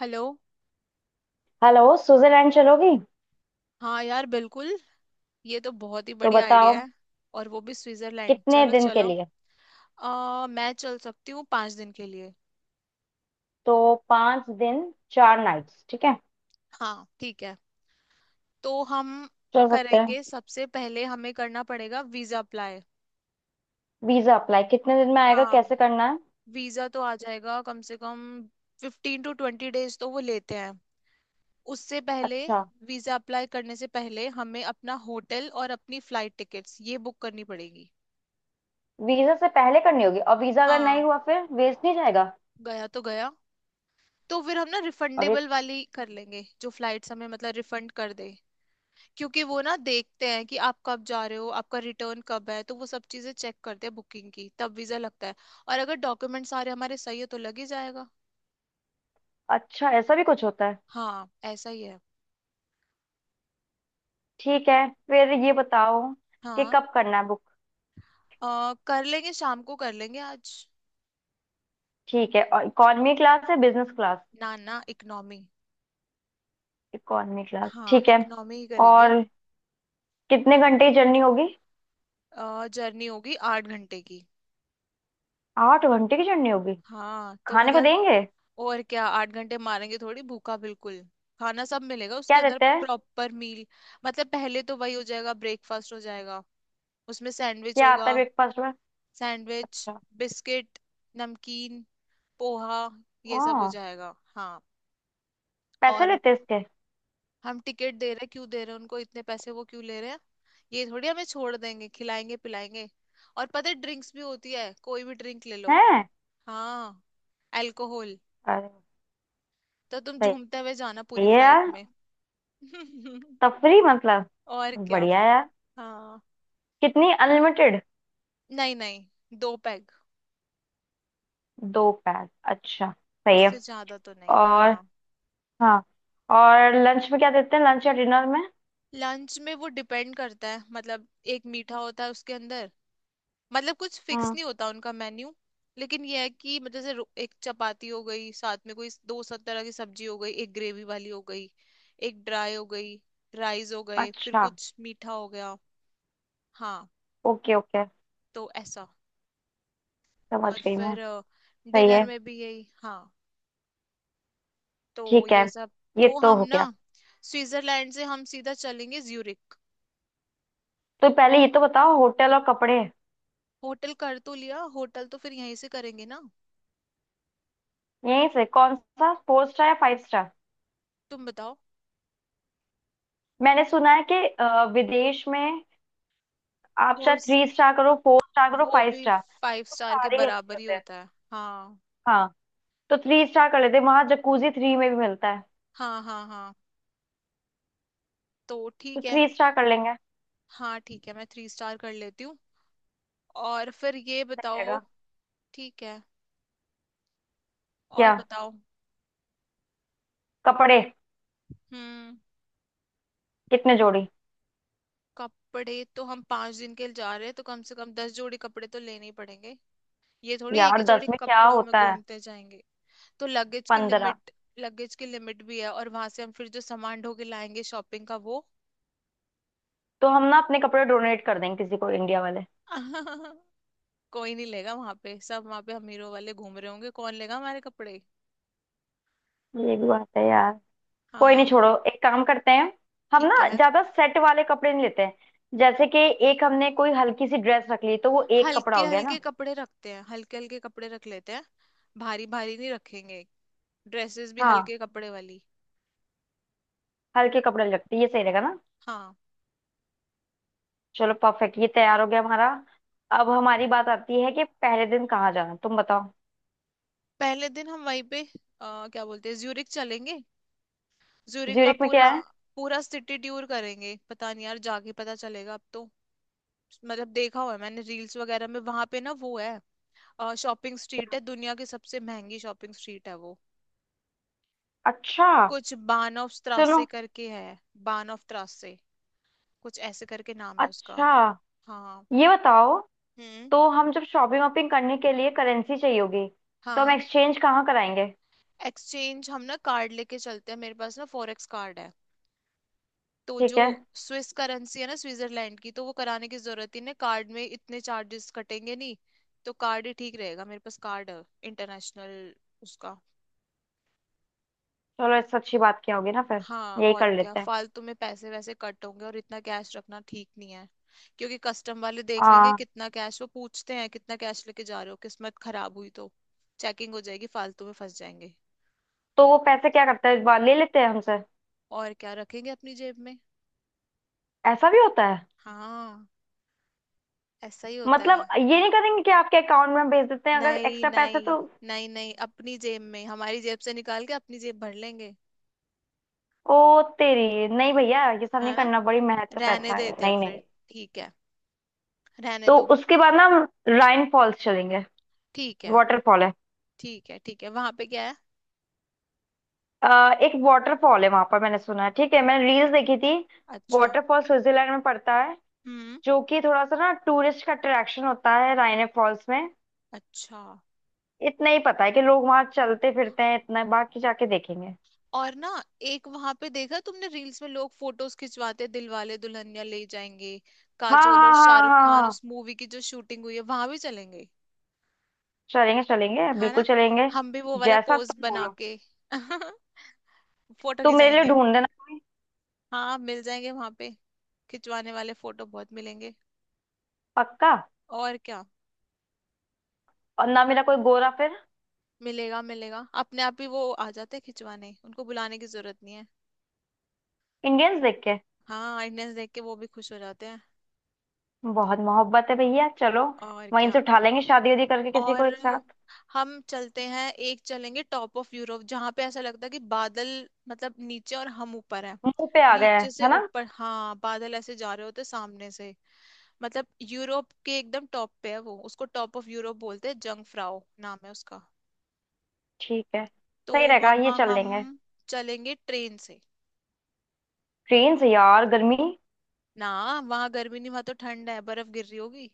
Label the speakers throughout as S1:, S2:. S1: Hello.
S2: Hello Switzerland चलोगी।
S1: हाँ यार बिल्कुल। ये तो बहुत ही
S2: तो
S1: बढ़िया
S2: बताओ,
S1: आइडिया है। और वो भी स्विट्जरलैंड
S2: कितने
S1: चलो
S2: दिन के
S1: चलो।
S2: लिए।
S1: मैं चल सकती हूँ 5 दिन के लिए।
S2: तो पाँच दिन चार नाइट्स ठीक है,
S1: हाँ ठीक है। तो हम
S2: चल सकते हैं।
S1: करेंगे, सबसे पहले हमें करना पड़ेगा वीजा अप्लाई।
S2: वीजा अप्लाई कितने दिन में आएगा,
S1: हाँ।
S2: कैसे करना है।
S1: वीजा तो आ जाएगा कम से कम 15-20 days तो वो लेते हैं। उससे पहले
S2: अच्छा।
S1: वीजा अप्लाई करने से पहले हमें अपना होटल और अपनी फ्लाइट टिकट्स ये बुक करनी पड़ेगी।
S2: वीजा से पहले करनी होगी, और वीजा अगर नहीं
S1: हाँ।
S2: हुआ फिर वेस्ट नहीं जाएगा।
S1: गया तो गया। तो फिर हम ना
S2: और ये
S1: रिफंडेबल वाली कर लेंगे जो फ्लाइट्स हमें मतलब रिफंड कर दे। क्योंकि वो ना देखते हैं कि आप कब जा रहे हो, आपका रिटर्न कब है, तो वो सब चीजें चेक करते हैं बुकिंग की, तब वीजा लगता है। और अगर डॉक्यूमेंट सारे हमारे सही है तो लग ही जाएगा।
S2: अच्छा, ऐसा भी कुछ होता है।
S1: हाँ ऐसा ही है।
S2: ठीक है, फिर ये बताओ कि
S1: हाँ।
S2: कब करना है बुक।
S1: कर लेंगे, शाम को कर लेंगे आज।
S2: ठीक है, और इकॉनमी क्लास है बिजनेस क्लास।
S1: ना ना इकनॉमी।
S2: इकॉनमी क्लास
S1: हाँ
S2: ठीक है।
S1: इकनॉमी ही करेंगे।
S2: और कितने घंटे की जर्नी होगी।
S1: जर्नी होगी 8 घंटे की।
S2: आठ घंटे की जर्नी होगी।
S1: हाँ तो
S2: खाने को
S1: मतलब
S2: देंगे।
S1: और क्या 8 घंटे मारेंगे थोड़ी भूखा बिल्कुल। खाना सब मिलेगा उसके
S2: क्या
S1: अंदर
S2: देते हैं।
S1: प्रॉपर मील। मतलब पहले तो वही हो जाएगा ब्रेकफास्ट हो जाएगा। उसमें सैंडविच
S2: क्या आता है
S1: होगा।
S2: ब्रेकफास्ट में।
S1: सैंडविच,
S2: अच्छा।
S1: बिस्किट, नमकीन, पोहा
S2: ओ,
S1: ये सब हो जाएगा। हाँ।
S2: पैसे
S1: और
S2: लेते हैं इसके।
S1: हम टिकट दे रहे हैं, क्यों दे रहे हैं उनको इतने पैसे, वो क्यों ले रहे हैं। ये थोड़ी हमें छोड़ देंगे, खिलाएंगे पिलाएंगे। और पता है ड्रिंक्स भी होती है, कोई भी ड्रिंक ले लो।
S2: हैं।
S1: हाँ। अल्कोहल।
S2: अरे,
S1: तो तुम
S2: सही
S1: झूमते हुए जाना
S2: है
S1: पूरी फ्लाइट
S2: यार।
S1: में।
S2: तफरी मतलब,
S1: और क्या।
S2: बढ़िया यार।
S1: हाँ।
S2: कितनी, अनलिमिटेड।
S1: नहीं नहीं 2 पैग।
S2: दो पैक, अच्छा सही है।
S1: उससे ज्यादा तो नहीं,
S2: और।
S1: हाँ।
S2: हाँ, और लंच में क्या देते हैं, लंच या डिनर में।
S1: लंच में वो डिपेंड करता है, मतलब एक मीठा होता है उसके अंदर। मतलब कुछ फिक्स
S2: हम्म।
S1: नहीं होता उनका मेन्यू। लेकिन यह है कि मतलब जैसे एक चपाती हो गई, साथ में कोई दो सब तरह की सब्जी हो गई, एक ग्रेवी वाली हो गई, एक ड्राई हो गई, राइस हो गए, फिर
S2: अच्छा,
S1: कुछ मीठा हो गया। हाँ।
S2: ओके ओके,
S1: तो ऐसा।
S2: समझ
S1: और
S2: गई मैं।
S1: फिर
S2: सही
S1: डिनर
S2: है।
S1: में भी यही। हाँ। तो
S2: ठीक है,
S1: ये सब।
S2: ये
S1: तो
S2: तो
S1: हम
S2: हो
S1: ना
S2: गया।
S1: स्विट्जरलैंड से हम सीधा चलेंगे ज्यूरिख।
S2: तो पहले ये तो बताओ, होटल और कपड़े।
S1: होटल कर तो लिया, होटल तो फिर यहीं से करेंगे ना।
S2: यहीं से कौन सा, फोर स्टार या फाइव स्टार।
S1: तुम बताओ।
S2: मैंने सुना है कि विदेश में आप चाहे
S1: 4।
S2: थ्री स्टार करो फोर स्टार करो
S1: वो
S2: फाइव
S1: भी
S2: स्टार,
S1: फाइव
S2: तो
S1: स्टार के
S2: सारे ही अच्छे
S1: बराबर ही
S2: होते हैं।
S1: होता है। हाँ
S2: हाँ, तो थ्री स्टार कर लेते हैं, वहां जकूजी थ्री में भी मिलता है।
S1: हाँ हाँ हाँ तो
S2: तो
S1: ठीक है।
S2: थ्री स्टार कर लेंगे।
S1: हाँ ठीक है, मैं 3 स्टार कर लेती हूँ। और फिर ये
S2: सही
S1: बताओ।
S2: रहेगा।
S1: ठीक है। और
S2: क्या।
S1: बताओ।
S2: कपड़े।
S1: हम्म।
S2: कितने जोड़ी।
S1: कपड़े तो हम 5 दिन के लिए जा रहे हैं तो कम से कम 10 जोड़ी कपड़े तो लेने ही पड़ेंगे। ये थोड़ी एक
S2: यार
S1: ही
S2: दस
S1: जोड़ी
S2: में क्या
S1: कपड़ों में
S2: होता है।
S1: घूमते जाएंगे। तो लगेज की
S2: पंद्रह।
S1: लिमिट, लगेज की लिमिट भी है, और वहां से हम फिर जो सामान ढो के लाएंगे शॉपिंग का वो।
S2: तो हम ना अपने कपड़े डोनेट कर देंगे किसी को इंडिया वाले।
S1: कोई नहीं लेगा वहां पे, सब वहां पे अमीरों वाले घूम रहे होंगे, कौन लेगा हमारे कपड़े।
S2: ये भी बात है यार। कोई नहीं
S1: हाँ।
S2: छोड़ो, एक काम करते हैं। हम
S1: ठीक
S2: ना
S1: है,
S2: ज्यादा सेट वाले कपड़े नहीं लेते हैं, जैसे कि एक हमने कोई हल्की सी ड्रेस रख ली, तो वो एक कपड़ा
S1: हल्के
S2: हो गया
S1: हल्के
S2: ना।
S1: कपड़े रखते हैं, हल्के हल्के कपड़े रख लेते हैं। भारी भारी नहीं रखेंगे। ड्रेसेस भी
S2: हाँ,
S1: हल्के कपड़े वाली।
S2: हल्के कपड़े लगते ये सही रहेगा ना।
S1: हाँ।
S2: चलो परफेक्ट, ये तैयार हो गया हमारा। अब हमारी बात आती है कि पहले दिन कहाँ जाना, तुम बताओ।
S1: पहले दिन हम वहीं पे क्या बोलते हैं ज्यूरिक चलेंगे। ज्यूरिक का
S2: ज्यूरिख में
S1: पूरा,
S2: क्या है।
S1: पूरा सिटी टूर करेंगे, पता नहीं यार जाके पता चलेगा अब तो। मतलब देखा हुआ है मैंने रील्स वगैरह में वहां पे, ना वो है शॉपिंग स्ट्रीट है, दुनिया की सबसे महंगी शॉपिंग स्ट्रीट है वो।
S2: अच्छा।
S1: कुछ बान ऑफ
S2: सुनो।
S1: त्रासे करके है। बान ऑफ त्रासे, कुछ ऐसे करके नाम है उसका।
S2: अच्छा,
S1: हाँ।
S2: ये बताओ,
S1: हम्म।
S2: तो हम जब शॉपिंग वॉपिंग करने के लिए करेंसी चाहिए होगी, तो हम
S1: हाँ।
S2: एक्सचेंज कहाँ कराएंगे।
S1: एक्सचेंज हम ना कार्ड लेके चलते हैं, मेरे पास ना फॉरेक्स कार्ड है। तो जो
S2: ठीक है।
S1: स्विस करेंसी है ना स्विट्जरलैंड की, तो वो कराने की जरूरत ही नहीं, कार्ड में इतने चार्जेस कटेंगे नहीं। तो कार्ड ही ठीक रहेगा, मेरे पास कार्ड है, इंटरनेशनल, उसका।
S2: चलो इससे अच्छी बात क्या होगी ना फिर।
S1: हाँ
S2: यही
S1: और
S2: कर
S1: क्या
S2: लेते हैं।
S1: फालतू में पैसे वैसे कट होंगे, और इतना कैश रखना ठीक नहीं है। क्योंकि कस्टम वाले देख लेंगे
S2: हाँ,
S1: कितना कैश, वो पूछते हैं कितना कैश लेके जा रहे हो, किस्मत खराब हुई तो चेकिंग हो जाएगी, फालतू में फंस जाएंगे।
S2: तो वो पैसे क्या करते हैं, इस बार ले लेते हैं हमसे।
S1: और क्या रखेंगे अपनी जेब में।
S2: ऐसा भी होता है।
S1: हाँ ऐसा ही होता है।
S2: मतलब ये नहीं करेंगे कि आपके अकाउंट में हम भेज देते हैं अगर
S1: नहीं
S2: एक्स्ट्रा पैसे
S1: नहीं।
S2: तो।
S1: नहीं नहीं अपनी जेब में, हमारी जेब से निकाल के अपनी जेब भर लेंगे।
S2: ओ तेरी, नहीं भैया, ये सब
S1: है
S2: नहीं
S1: ना।
S2: करना, बड़ी मेहनत का
S1: रहने
S2: पैसा है,
S1: देते हैं
S2: नहीं
S1: फिर।
S2: नहीं।
S1: ठीक है, रहने
S2: तो
S1: दो।
S2: उसके बाद ना हम राइन फॉल्स चलेंगे।
S1: ठीक है।
S2: वाटरफॉल है।
S1: ठीक है ठीक है, वहां पे क्या है।
S2: अ, एक वाटरफॉल है वहां पर, मैंने सुना है, ठीक है, मैंने रील्स देखी थी।
S1: अच्छा।
S2: वाटरफॉल स्विट्जरलैंड में पड़ता है,
S1: हम्म।
S2: जो कि थोड़ा सा ना टूरिस्ट का अट्रैक्शन होता है, राइन फॉल्स में।
S1: अच्छा।
S2: इतना ही पता है कि लोग वहां चलते फिरते हैं, इतना, बाकी जाके देखेंगे।
S1: और ना एक वहां पे देखा तुमने रील्स में, लोग फोटोज खिंचवाते। दिल वाले दुल्हनिया ले जाएंगे,
S2: हाँ
S1: काजोल और
S2: हाँ हाँ
S1: शाहरुख
S2: हाँ
S1: खान,
S2: हाँ,
S1: उस मूवी की जो शूटिंग हुई है वहां भी चलेंगे।
S2: चलेंगे चलेंगे
S1: है
S2: बिल्कुल
S1: ना।
S2: चलेंगे।
S1: हम भी वो वाला
S2: जैसा
S1: पोज
S2: तुम
S1: बना
S2: बोलो।
S1: के फोटो
S2: तुम मेरे लिए
S1: खिंचाएंगे।
S2: ढूंढ देना कोई।
S1: हाँ मिल जाएंगे वहां पे, खिंचवाने वाले फोटो बहुत मिलेंगे।
S2: पक्का।
S1: और क्या।
S2: और ना मेरा कोई गोरा फिर,
S1: मिलेगा मिलेगा, अपने आप ही वो आ जाते हैं खिंचवाने, उनको बुलाने की जरूरत नहीं है।
S2: इंडियंस देख के।
S1: हाँ आइडनेस देख के वो भी खुश हो जाते हैं।
S2: बहुत मोहब्बत है भैया, चलो
S1: और
S2: वहीं
S1: क्या।
S2: से उठा लेंगे शादी उदी करके किसी को,
S1: और
S2: एक साथ।
S1: हम चलते हैं, एक चलेंगे टॉप ऑफ यूरोप, जहां पे ऐसा लगता है कि बादल, मतलब नीचे और हम ऊपर हैं।
S2: मुंह पे आ गया है
S1: नीचे से
S2: है ना।
S1: ऊपर, हाँ बादल ऐसे जा रहे होते सामने से। मतलब यूरोप के एकदम टॉप पे है वो, उसको टॉप ऑफ यूरोप बोलते हैं, जंग फ्राउ नाम है उसका।
S2: ठीक है
S1: तो
S2: सही रहेगा, ये
S1: वहां
S2: चल
S1: हम
S2: लेंगे।
S1: चलेंगे ट्रेन से।
S2: ट्रेन से यार गर्मी।
S1: ना, वहां गर्मी नहीं, वहां तो ठंड है, बर्फ गिर रही होगी।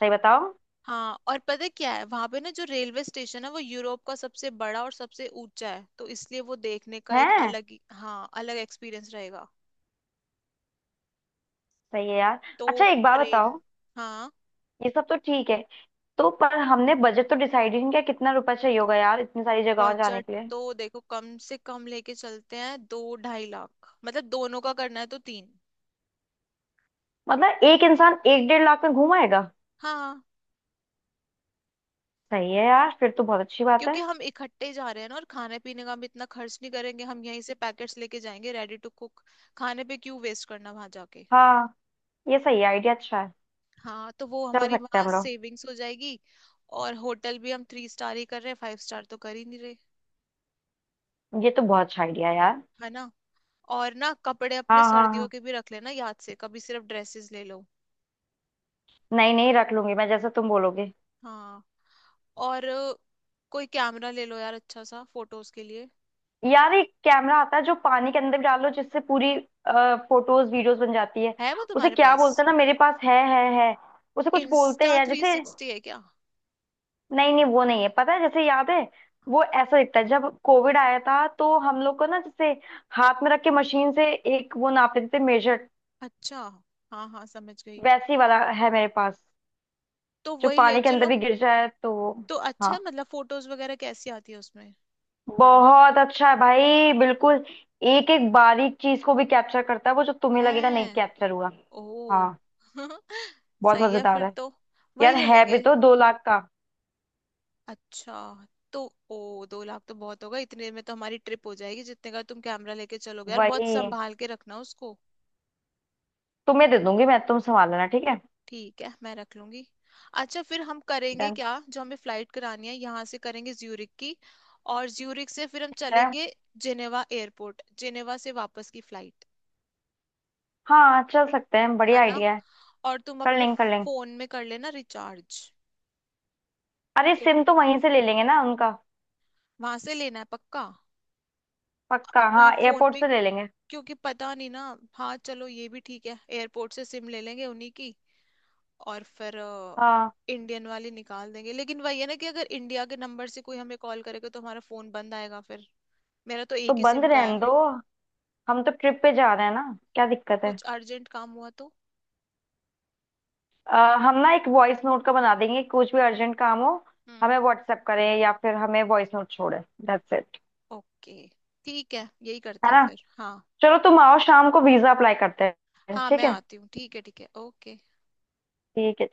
S2: सही बताओ।
S1: हाँ और पता है क्या है वहां पे, ना जो रेलवे स्टेशन है वो यूरोप का सबसे बड़ा और सबसे ऊंचा है, तो इसलिए वो देखने का एक
S2: है।
S1: हाँ अलग एक्सपीरियंस रहेगा।
S2: सही है यार।
S1: तो
S2: अच्छा एक बात
S1: ट्रेन।
S2: बताओ,
S1: हाँ।
S2: ये सब तो ठीक है, तो पर हमने बजट तो डिसाइड ही नहीं किया, कितना रुपया चाहिए होगा यार इतनी सारी जगहों जाने
S1: बजट
S2: के लिए।
S1: तो देखो कम से कम लेके चलते हैं 2-2.5 लाख, मतलब दोनों का करना है तो 3।
S2: मतलब एक इंसान एक डेढ़ लाख में घूम आएगा।
S1: हाँ।
S2: सही है यार, फिर तो बहुत अच्छी बात है।
S1: क्योंकि हम इकट्ठे जा रहे हैं ना, और खाने पीने का भी इतना खर्च नहीं करेंगे, हम यहीं से पैकेट्स लेके जाएंगे रेडी टू कुक। खाने पे क्यों वेस्ट करना वहां जाके।
S2: हाँ, ये सही है, आइडिया अच्छा है।
S1: हाँ तो वो
S2: चल
S1: हमारी
S2: सकते हैं
S1: वहां
S2: हम लोग।
S1: सेविंग्स हो जाएगी। और होटल भी हम 3 स्टार ही कर रहे हैं, 5 स्टार तो कर ही नहीं रहे।
S2: ये तो बहुत अच्छा आइडिया है यार।
S1: है ना। और ना कपड़े अपने
S2: हाँ हाँ
S1: सर्दियों
S2: हाँ,
S1: के भी रख लेना याद से, कभी सिर्फ ड्रेसेस ले लो।
S2: नहीं नहीं, रख लूंगी मैं जैसा तुम बोलोगे।
S1: हाँ। और कोई कैमरा ले लो यार अच्छा सा फोटोज के लिए।
S2: यार एक कैमरा आता है जो पानी के अंदर भी डालो, जिससे पूरी फोटोज वीडियोस बन जाती है।
S1: है वो
S2: उसे
S1: तुम्हारे
S2: क्या
S1: पास।
S2: बोलते हैं ना, मेरे पास है, है है। उसे कुछ बोलते हैं
S1: इंस्टा
S2: यार,
S1: थ्री
S2: जैसे,
S1: सिक्सटी है क्या।
S2: नहीं नहीं वो नहीं है, पता है जैसे याद है, वो ऐसा दिखता है, जब कोविड आया था तो हम लोग को ना जैसे हाथ में रख के मशीन से एक वो नाप लेते थे, मेजर।
S1: अच्छा। हाँ हाँ समझ गई।
S2: वैसी वाला है मेरे पास,
S1: तो
S2: जो
S1: वही ले
S2: पानी के अंदर
S1: चलो।
S2: भी गिर जाए तो वो-।
S1: तो अच्छा
S2: हाँ,
S1: है, मतलब फोटोज वगैरह कैसी आती है उसमें।
S2: बहुत अच्छा है भाई, बिल्कुल। एक एक बारीक चीज को भी कैप्चर करता है वो, जो तुम्हें
S1: है।
S2: लगेगा नहीं कैप्चर हुआ।
S1: ओ।
S2: हाँ, बहुत
S1: सही है
S2: मजेदार
S1: फिर
S2: है।
S1: तो। वही
S2: यार
S1: ले
S2: है
S1: लेंगे।
S2: भी तो दो लाख का।
S1: अच्छा। तो ओ 2 लाख तो बहुत होगा, इतने में तो हमारी ट्रिप हो जाएगी जितने का तुम कैमरा लेके चलोगे। यार बहुत
S2: वही
S1: संभाल के रखना उसको।
S2: तुम्हें दे दूंगी मैं, तुम संभाल लेना, ठीक है।
S1: ठीक है मैं रख लूंगी। अच्छा फिर हम करेंगे
S2: डन।
S1: क्या जो हमें फ्लाइट करानी है यहाँ से करेंगे ज्यूरिक की। और ज्यूरिक से फिर हम
S2: ठीक है।
S1: चलेंगे जिनेवा एयरपोर्ट, जिनेवा से वापस की फ्लाइट।
S2: हाँ चल सकते हैं,
S1: है
S2: बढ़िया
S1: ना।
S2: आइडिया है।
S1: और तुम
S2: कर
S1: अपने
S2: लेंगे कर लेंगे।
S1: फोन में कर लेना रिचार्ज।
S2: अरे
S1: क्यों,
S2: सिम तो वहीं से ले लेंगे ना उनका।
S1: वहां से लेना है पक्का।
S2: पक्का
S1: अपना
S2: हाँ,
S1: फोन
S2: एयरपोर्ट
S1: पे
S2: से ले लेंगे।
S1: क्योंकि पता नहीं ना। हाँ चलो ये भी ठीक है, एयरपोर्ट से सिम ले लेंगे उन्हीं की। और फिर
S2: हाँ,
S1: इंडियन वाली निकाल देंगे, लेकिन वही है ना कि अगर इंडिया के नंबर से कोई हमें कॉल करेगा तो हमारा फोन बंद आएगा फिर। मेरा तो
S2: तो
S1: एक ही
S2: बंद
S1: सिम का है।
S2: रहने दो, हम तो ट्रिप पे जा रहे हैं ना, क्या दिक्कत है।
S1: कुछ अर्जेंट काम हुआ तो।
S2: अ, हम ना एक वॉइस नोट का बना देंगे, कुछ भी अर्जेंट काम हो
S1: हम्म।
S2: हमें व्हाट्सएप करें या फिर हमें वॉइस नोट छोड़े। That's it.
S1: ओके ठीक है यही करते
S2: है
S1: हैं
S2: ना,
S1: फिर, हाँ।
S2: चलो तुम आओ शाम को वीजा अप्लाई करते हैं,
S1: हाँ
S2: ठीक
S1: मैं
S2: है।
S1: आती हूँ, ठीक है ओके।
S2: ठीक है।